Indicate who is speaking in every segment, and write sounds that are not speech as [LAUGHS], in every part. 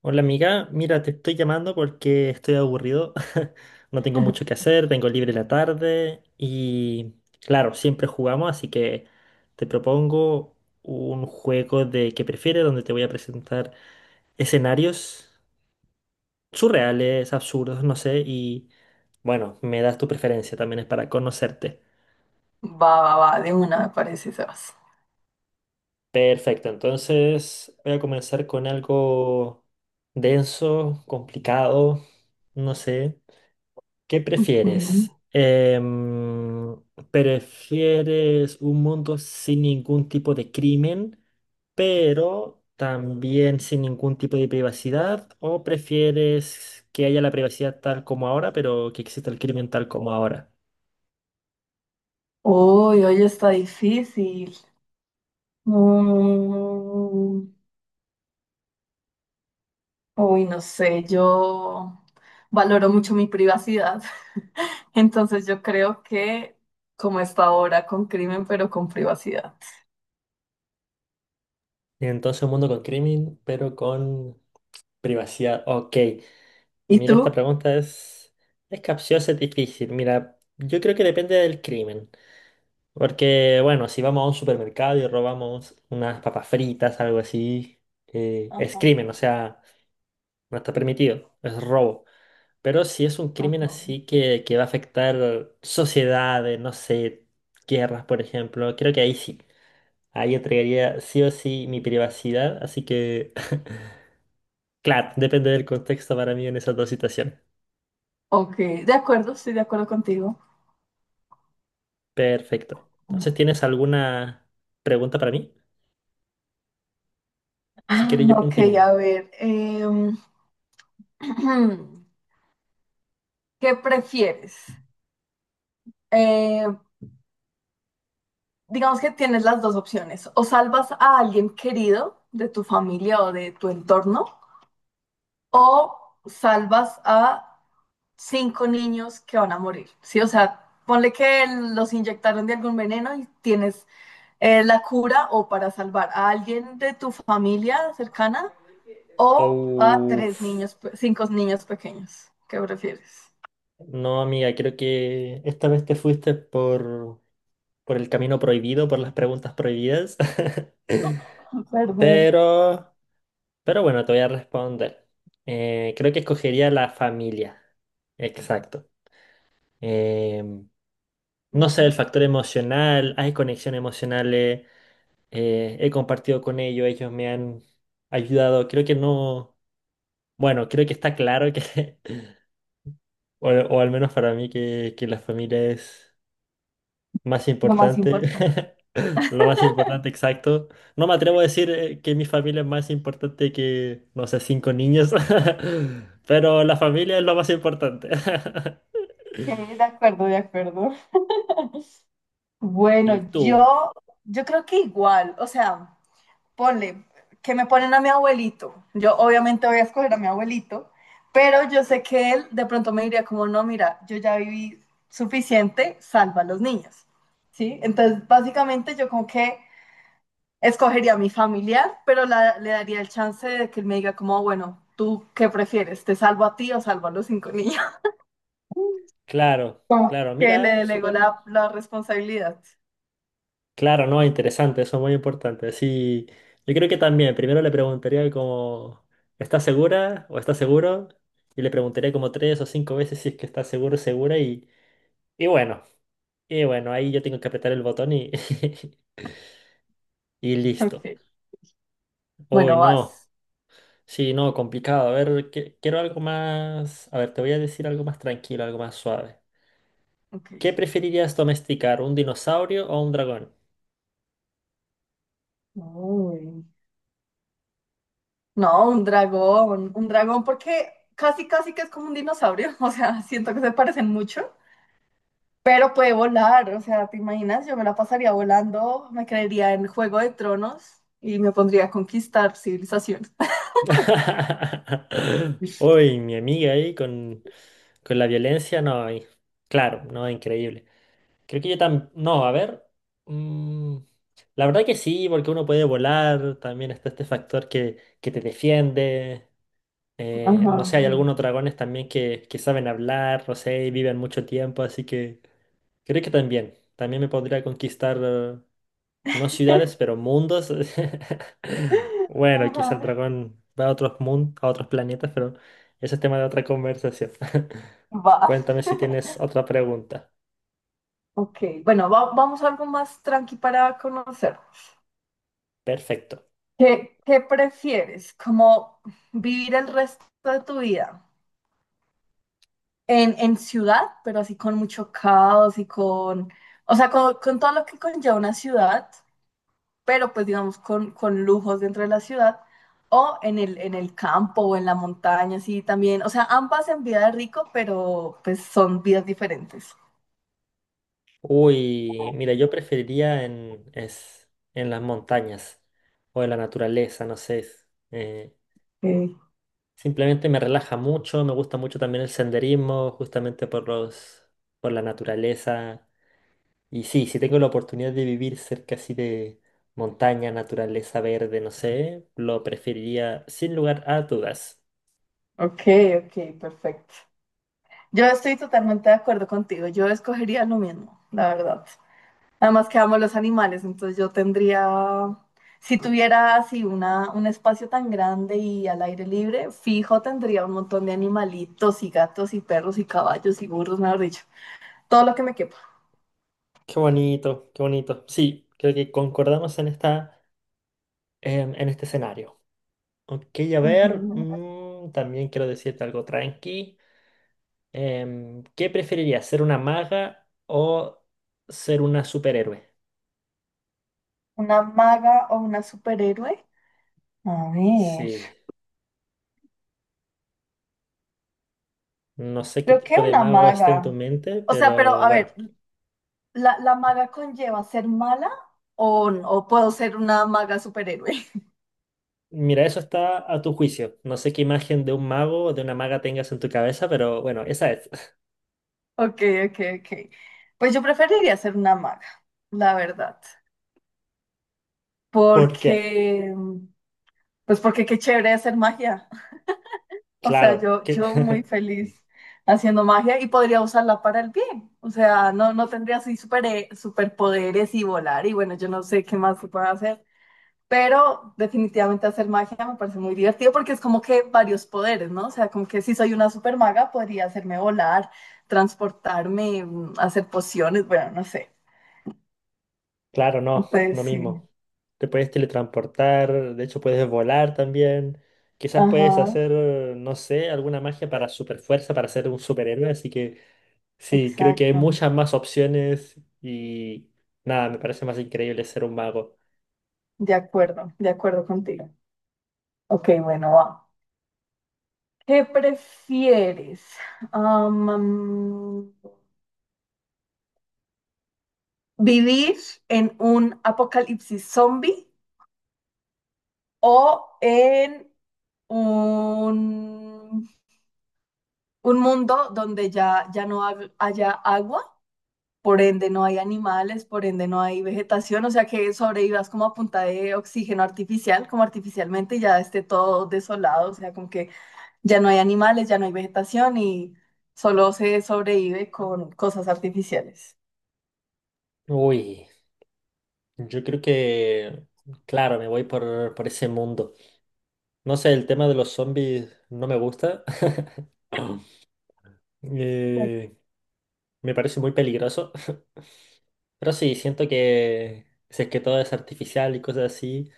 Speaker 1: Hola amiga, mira, te estoy llamando porque estoy aburrido, [LAUGHS] no tengo mucho que hacer, tengo libre la tarde y claro, siempre jugamos, así que te propongo un juego de qué prefieres donde te voy a presentar escenarios surreales, absurdos, no sé, y bueno, me das tu preferencia, también es para conocerte.
Speaker 2: Va, va, va, de una me parece, Sebas.
Speaker 1: Perfecto, entonces voy a comenzar con algo denso, complicado, no sé. ¿Qué
Speaker 2: Ok.
Speaker 1: prefieres? ¿Prefieres un mundo sin ningún tipo de crimen, pero también sin ningún tipo de privacidad? ¿O prefieres que haya la privacidad tal como ahora, pero que exista el crimen tal como ahora?
Speaker 2: Uy, hoy está difícil. Mm, uy, no sé, yo valoro mucho mi privacidad, [LAUGHS] entonces yo creo que como está ahora con crimen, pero con privacidad.
Speaker 1: Entonces, un mundo con crimen, pero con privacidad. Ok,
Speaker 2: ¿Y
Speaker 1: mira, esta
Speaker 2: tú?
Speaker 1: pregunta es capciosa, es difícil. Mira, yo creo que depende del crimen. Porque, bueno, si vamos a un supermercado y robamos unas papas fritas, algo así, es
Speaker 2: Ajá,
Speaker 1: crimen, o sea, no está permitido, es robo. Pero si es un crimen
Speaker 2: ajá.
Speaker 1: así que va a afectar sociedades, no sé, guerras, por ejemplo, creo que ahí sí. Ahí entregaría sí o sí mi privacidad, así que, [LAUGHS] claro, depende del contexto para mí en esas dos situaciones.
Speaker 2: Ok, de acuerdo, estoy de acuerdo contigo.
Speaker 1: Perfecto. Entonces, ¿tienes alguna pregunta para mí? Si quieres,
Speaker 2: Ah,
Speaker 1: yo
Speaker 2: Ok,
Speaker 1: continúo.
Speaker 2: a ver, [CLEARS THROAT] ¿qué prefieres? Eh, digamos que tienes las dos opciones, o salvas a alguien querido de tu familia o de tu entorno, o salvas a cinco niños que van a morir, ¿sí? O sea, ponle que los inyectaron de algún veneno y tienes la cura o para salvar a alguien de tu familia cercana o a tres
Speaker 1: Uf.
Speaker 2: niños, cinco niños pequeños. ¿Qué prefieres?
Speaker 1: No, amiga, creo que esta vez te fuiste por el camino prohibido, por las preguntas prohibidas. [LAUGHS]
Speaker 2: Perdón.
Speaker 1: Pero, pero bueno, te voy a responder. Creo que escogería la familia. Exacto. Em, no sé,
Speaker 2: Ujú.
Speaker 1: el factor emocional, hay conexiones emocionales, he compartido con ellos, ellos me han ayudado. Creo que no, bueno, creo que está claro que, [LAUGHS] o al menos para mí, que la familia es... Más
Speaker 2: Lo más
Speaker 1: importante,
Speaker 2: importante.
Speaker 1: [LAUGHS] lo más importante, exacto. No me atrevo a decir que mi familia es más importante que, no sé, cinco niños, [LAUGHS] pero la familia es lo más importante. [LAUGHS]
Speaker 2: Ok, de acuerdo, de acuerdo.
Speaker 1: Y
Speaker 2: Bueno,
Speaker 1: tú,
Speaker 2: yo creo que igual, o sea, ponle, que me ponen a mi abuelito. Yo obviamente voy a escoger a mi abuelito, pero yo sé que él de pronto me diría como, no, mira, yo ya viví suficiente, salva a los niños, ¿sí? Entonces, básicamente yo como que escogería a mi familiar, pero le daría el chance de que él me diga como, bueno, ¿tú qué prefieres? ¿Te salvo a ti o salvo a los cinco niños? [LAUGHS]
Speaker 1: claro,
Speaker 2: Como
Speaker 1: claro,
Speaker 2: que le
Speaker 1: mira,
Speaker 2: delego
Speaker 1: súper,
Speaker 2: la responsabilidad.
Speaker 1: claro, no, interesante, eso es muy importante. Sí, yo creo que también, primero le preguntaría como, ¿estás segura o estás seguro? Y le preguntaría como tres o cinco veces si es que está seguro, segura y bueno, y bueno, ahí yo tengo que apretar el botón y... [LAUGHS] Y listo.
Speaker 2: Ok.
Speaker 1: Uy,
Speaker 2: Bueno,
Speaker 1: no.
Speaker 2: vas.
Speaker 1: Sí, no, complicado. A ver, quiero algo más. A ver, te voy a decir algo más tranquilo, algo más suave.
Speaker 2: Ok.
Speaker 1: ¿Qué preferirías domesticar, un dinosaurio o un dragón?
Speaker 2: Uy. No, un dragón porque casi, casi que es como un dinosaurio, [LAUGHS] o sea, siento que se parecen mucho, pero puede volar, o sea, ¿te imaginas? Yo me la pasaría volando, me creería en Juego de Tronos y me pondría a conquistar civilizaciones.
Speaker 1: [LAUGHS]
Speaker 2: [LAUGHS]
Speaker 1: Uy, mi amiga ahí con la violencia, no. Claro, no, increíble. Creo que yo también. No, a ver. mm, la verdad que sí, porque uno puede volar. También está este factor que te defiende.
Speaker 2: Ajá,
Speaker 1: No sé, hay algunos dragones también que saben hablar, no sé, y viven mucho tiempo, así que creo que también me podría conquistar, no ciudades, pero mundos. [LAUGHS] Bueno, quizá el
Speaker 2: ajá,
Speaker 1: dragón va a otros mundos, a otros planetas, pero ese es tema de otra conversación. [LAUGHS]
Speaker 2: va,
Speaker 1: Cuéntame si tienes otra pregunta.
Speaker 2: ok, bueno, vamos a algo más tranqui para conocer.
Speaker 1: Perfecto.
Speaker 2: Qué prefieres? ¿Como vivir el resto de tu vida en ciudad, pero así con mucho caos y con, o sea, con todo lo que conlleva una ciudad, pero pues digamos con lujos dentro de la ciudad, o en el campo o en la montaña, así también, o sea, ambas en vida de rico, pero pues son vidas diferentes?
Speaker 1: Uy, mira, yo preferiría en las montañas o en la naturaleza, no sé. eh,
Speaker 2: Ok,
Speaker 1: Simplemente me relaja mucho, me gusta mucho también el senderismo, justamente por la naturaleza. Y sí, si tengo la oportunidad de vivir cerca así de montaña, naturaleza verde, no sé, lo preferiría sin lugar a dudas.
Speaker 2: ok, ok, perfecto. Yo estoy totalmente de acuerdo contigo, yo escogería lo mismo, la verdad. Además que amo los animales, entonces yo tendría, si tuviera así un espacio tan grande y al aire libre, fijo tendría un montón de animalitos y gatos y perros y caballos y burros, mejor dicho, todo lo que me quepa.
Speaker 1: Qué bonito, qué bonito. Sí, creo que concordamos en este escenario. Ok, a ver,
Speaker 2: Ujú.
Speaker 1: también quiero decirte algo tranqui. ¿Qué preferirías, ser una maga o ser una superhéroe?
Speaker 2: ¿Una maga o una superhéroe? A ver,
Speaker 1: Sí. No sé qué
Speaker 2: creo que
Speaker 1: tipo de
Speaker 2: una
Speaker 1: mago está en tu
Speaker 2: maga.
Speaker 1: mente,
Speaker 2: O sea, pero
Speaker 1: pero
Speaker 2: a
Speaker 1: bueno.
Speaker 2: ver, la maga conlleva ser mala o puedo ser una maga superhéroe?
Speaker 1: Mira, eso está a tu juicio. No sé qué imagen de un mago o de una maga tengas en tu cabeza, pero bueno, esa es. [LAUGHS]
Speaker 2: Ok, ok, ok. Pues yo preferiría ser una maga, la verdad,
Speaker 1: ¿Por
Speaker 2: porque,
Speaker 1: qué?
Speaker 2: pues porque qué chévere hacer magia. [LAUGHS] O sea,
Speaker 1: Claro, que...
Speaker 2: yo muy
Speaker 1: [LAUGHS]
Speaker 2: feliz haciendo magia y podría usarla para el bien. O sea, no, no tendría así super, superpoderes y volar y bueno, yo no sé qué más se puede hacer. Pero definitivamente hacer magia me parece muy divertido porque es como que varios poderes, ¿no? O sea, como que si soy una super maga podría hacerme volar, transportarme, mm, hacer pociones, bueno, no sé.
Speaker 1: claro, no,
Speaker 2: Pues
Speaker 1: no
Speaker 2: sí.
Speaker 1: mismo. Te puedes teletransportar, de hecho puedes volar también. Quizás puedes
Speaker 2: Ajá,
Speaker 1: hacer, no sé, alguna magia para superfuerza, para ser un superhéroe. Así que sí, creo que hay
Speaker 2: exacto.
Speaker 1: muchas más opciones y nada, me parece más increíble ser un mago.
Speaker 2: De acuerdo contigo. Ok, bueno, va. ¿Qué prefieres? Am, am, ¿vivir en un apocalipsis zombie o en un, un mundo donde ya, ya no haya agua? Por ende no hay animales, por ende no hay vegetación, o sea que sobrevivas como a punta de oxígeno artificial, como artificialmente y ya esté todo desolado, o sea, como que ya no hay animales, ya no hay vegetación y solo se sobrevive con cosas artificiales.
Speaker 1: Uy. Yo creo que, claro, me voy por ese mundo. No sé, el tema de los zombies no me gusta. [LAUGHS] Eh, me parece muy peligroso. Pero sí, siento que si es que todo es artificial y cosas así,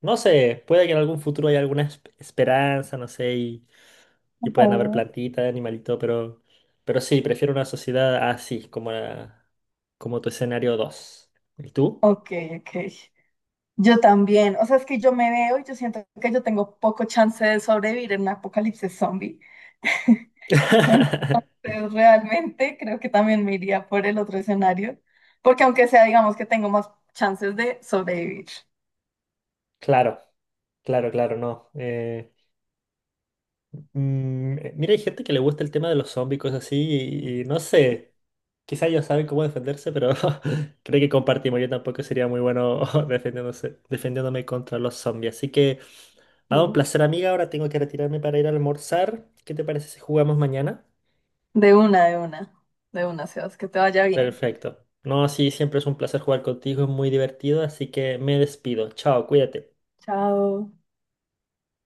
Speaker 1: no sé, puede que en algún futuro haya alguna esperanza, no sé, y puedan haber
Speaker 2: Ujú.
Speaker 1: plantitas, animalitos, pero, sí, prefiero una sociedad así, como, como tu escenario dos. ¿Y tú?
Speaker 2: Ok, ok. Yo también. O sea, es que yo me veo y yo siento que yo tengo poco chance de sobrevivir en un apocalipsis zombie. [LAUGHS]
Speaker 1: [LAUGHS]
Speaker 2: Entonces, realmente creo que también me iría por el otro escenario, porque aunque sea, digamos que tengo más chances de sobrevivir.
Speaker 1: Claro, claro, claro, no. Mira, hay gente que le gusta el tema de los zombies, cosas así, y no sé, quizá ellos saben cómo defenderse, pero [LAUGHS] creo que compartimos. Yo tampoco sería muy bueno [LAUGHS] defendiéndome contra los zombies. Así que, nada, un
Speaker 2: Mm.
Speaker 1: placer, amiga. Ahora tengo que retirarme para ir a almorzar. ¿Qué te parece si jugamos mañana?
Speaker 2: De una, de una. De una, Sebas, que te vaya bien.
Speaker 1: Perfecto. No, sí, siempre es un placer jugar contigo, es muy divertido, así que me despido. Chao, cuídate.
Speaker 2: Chao.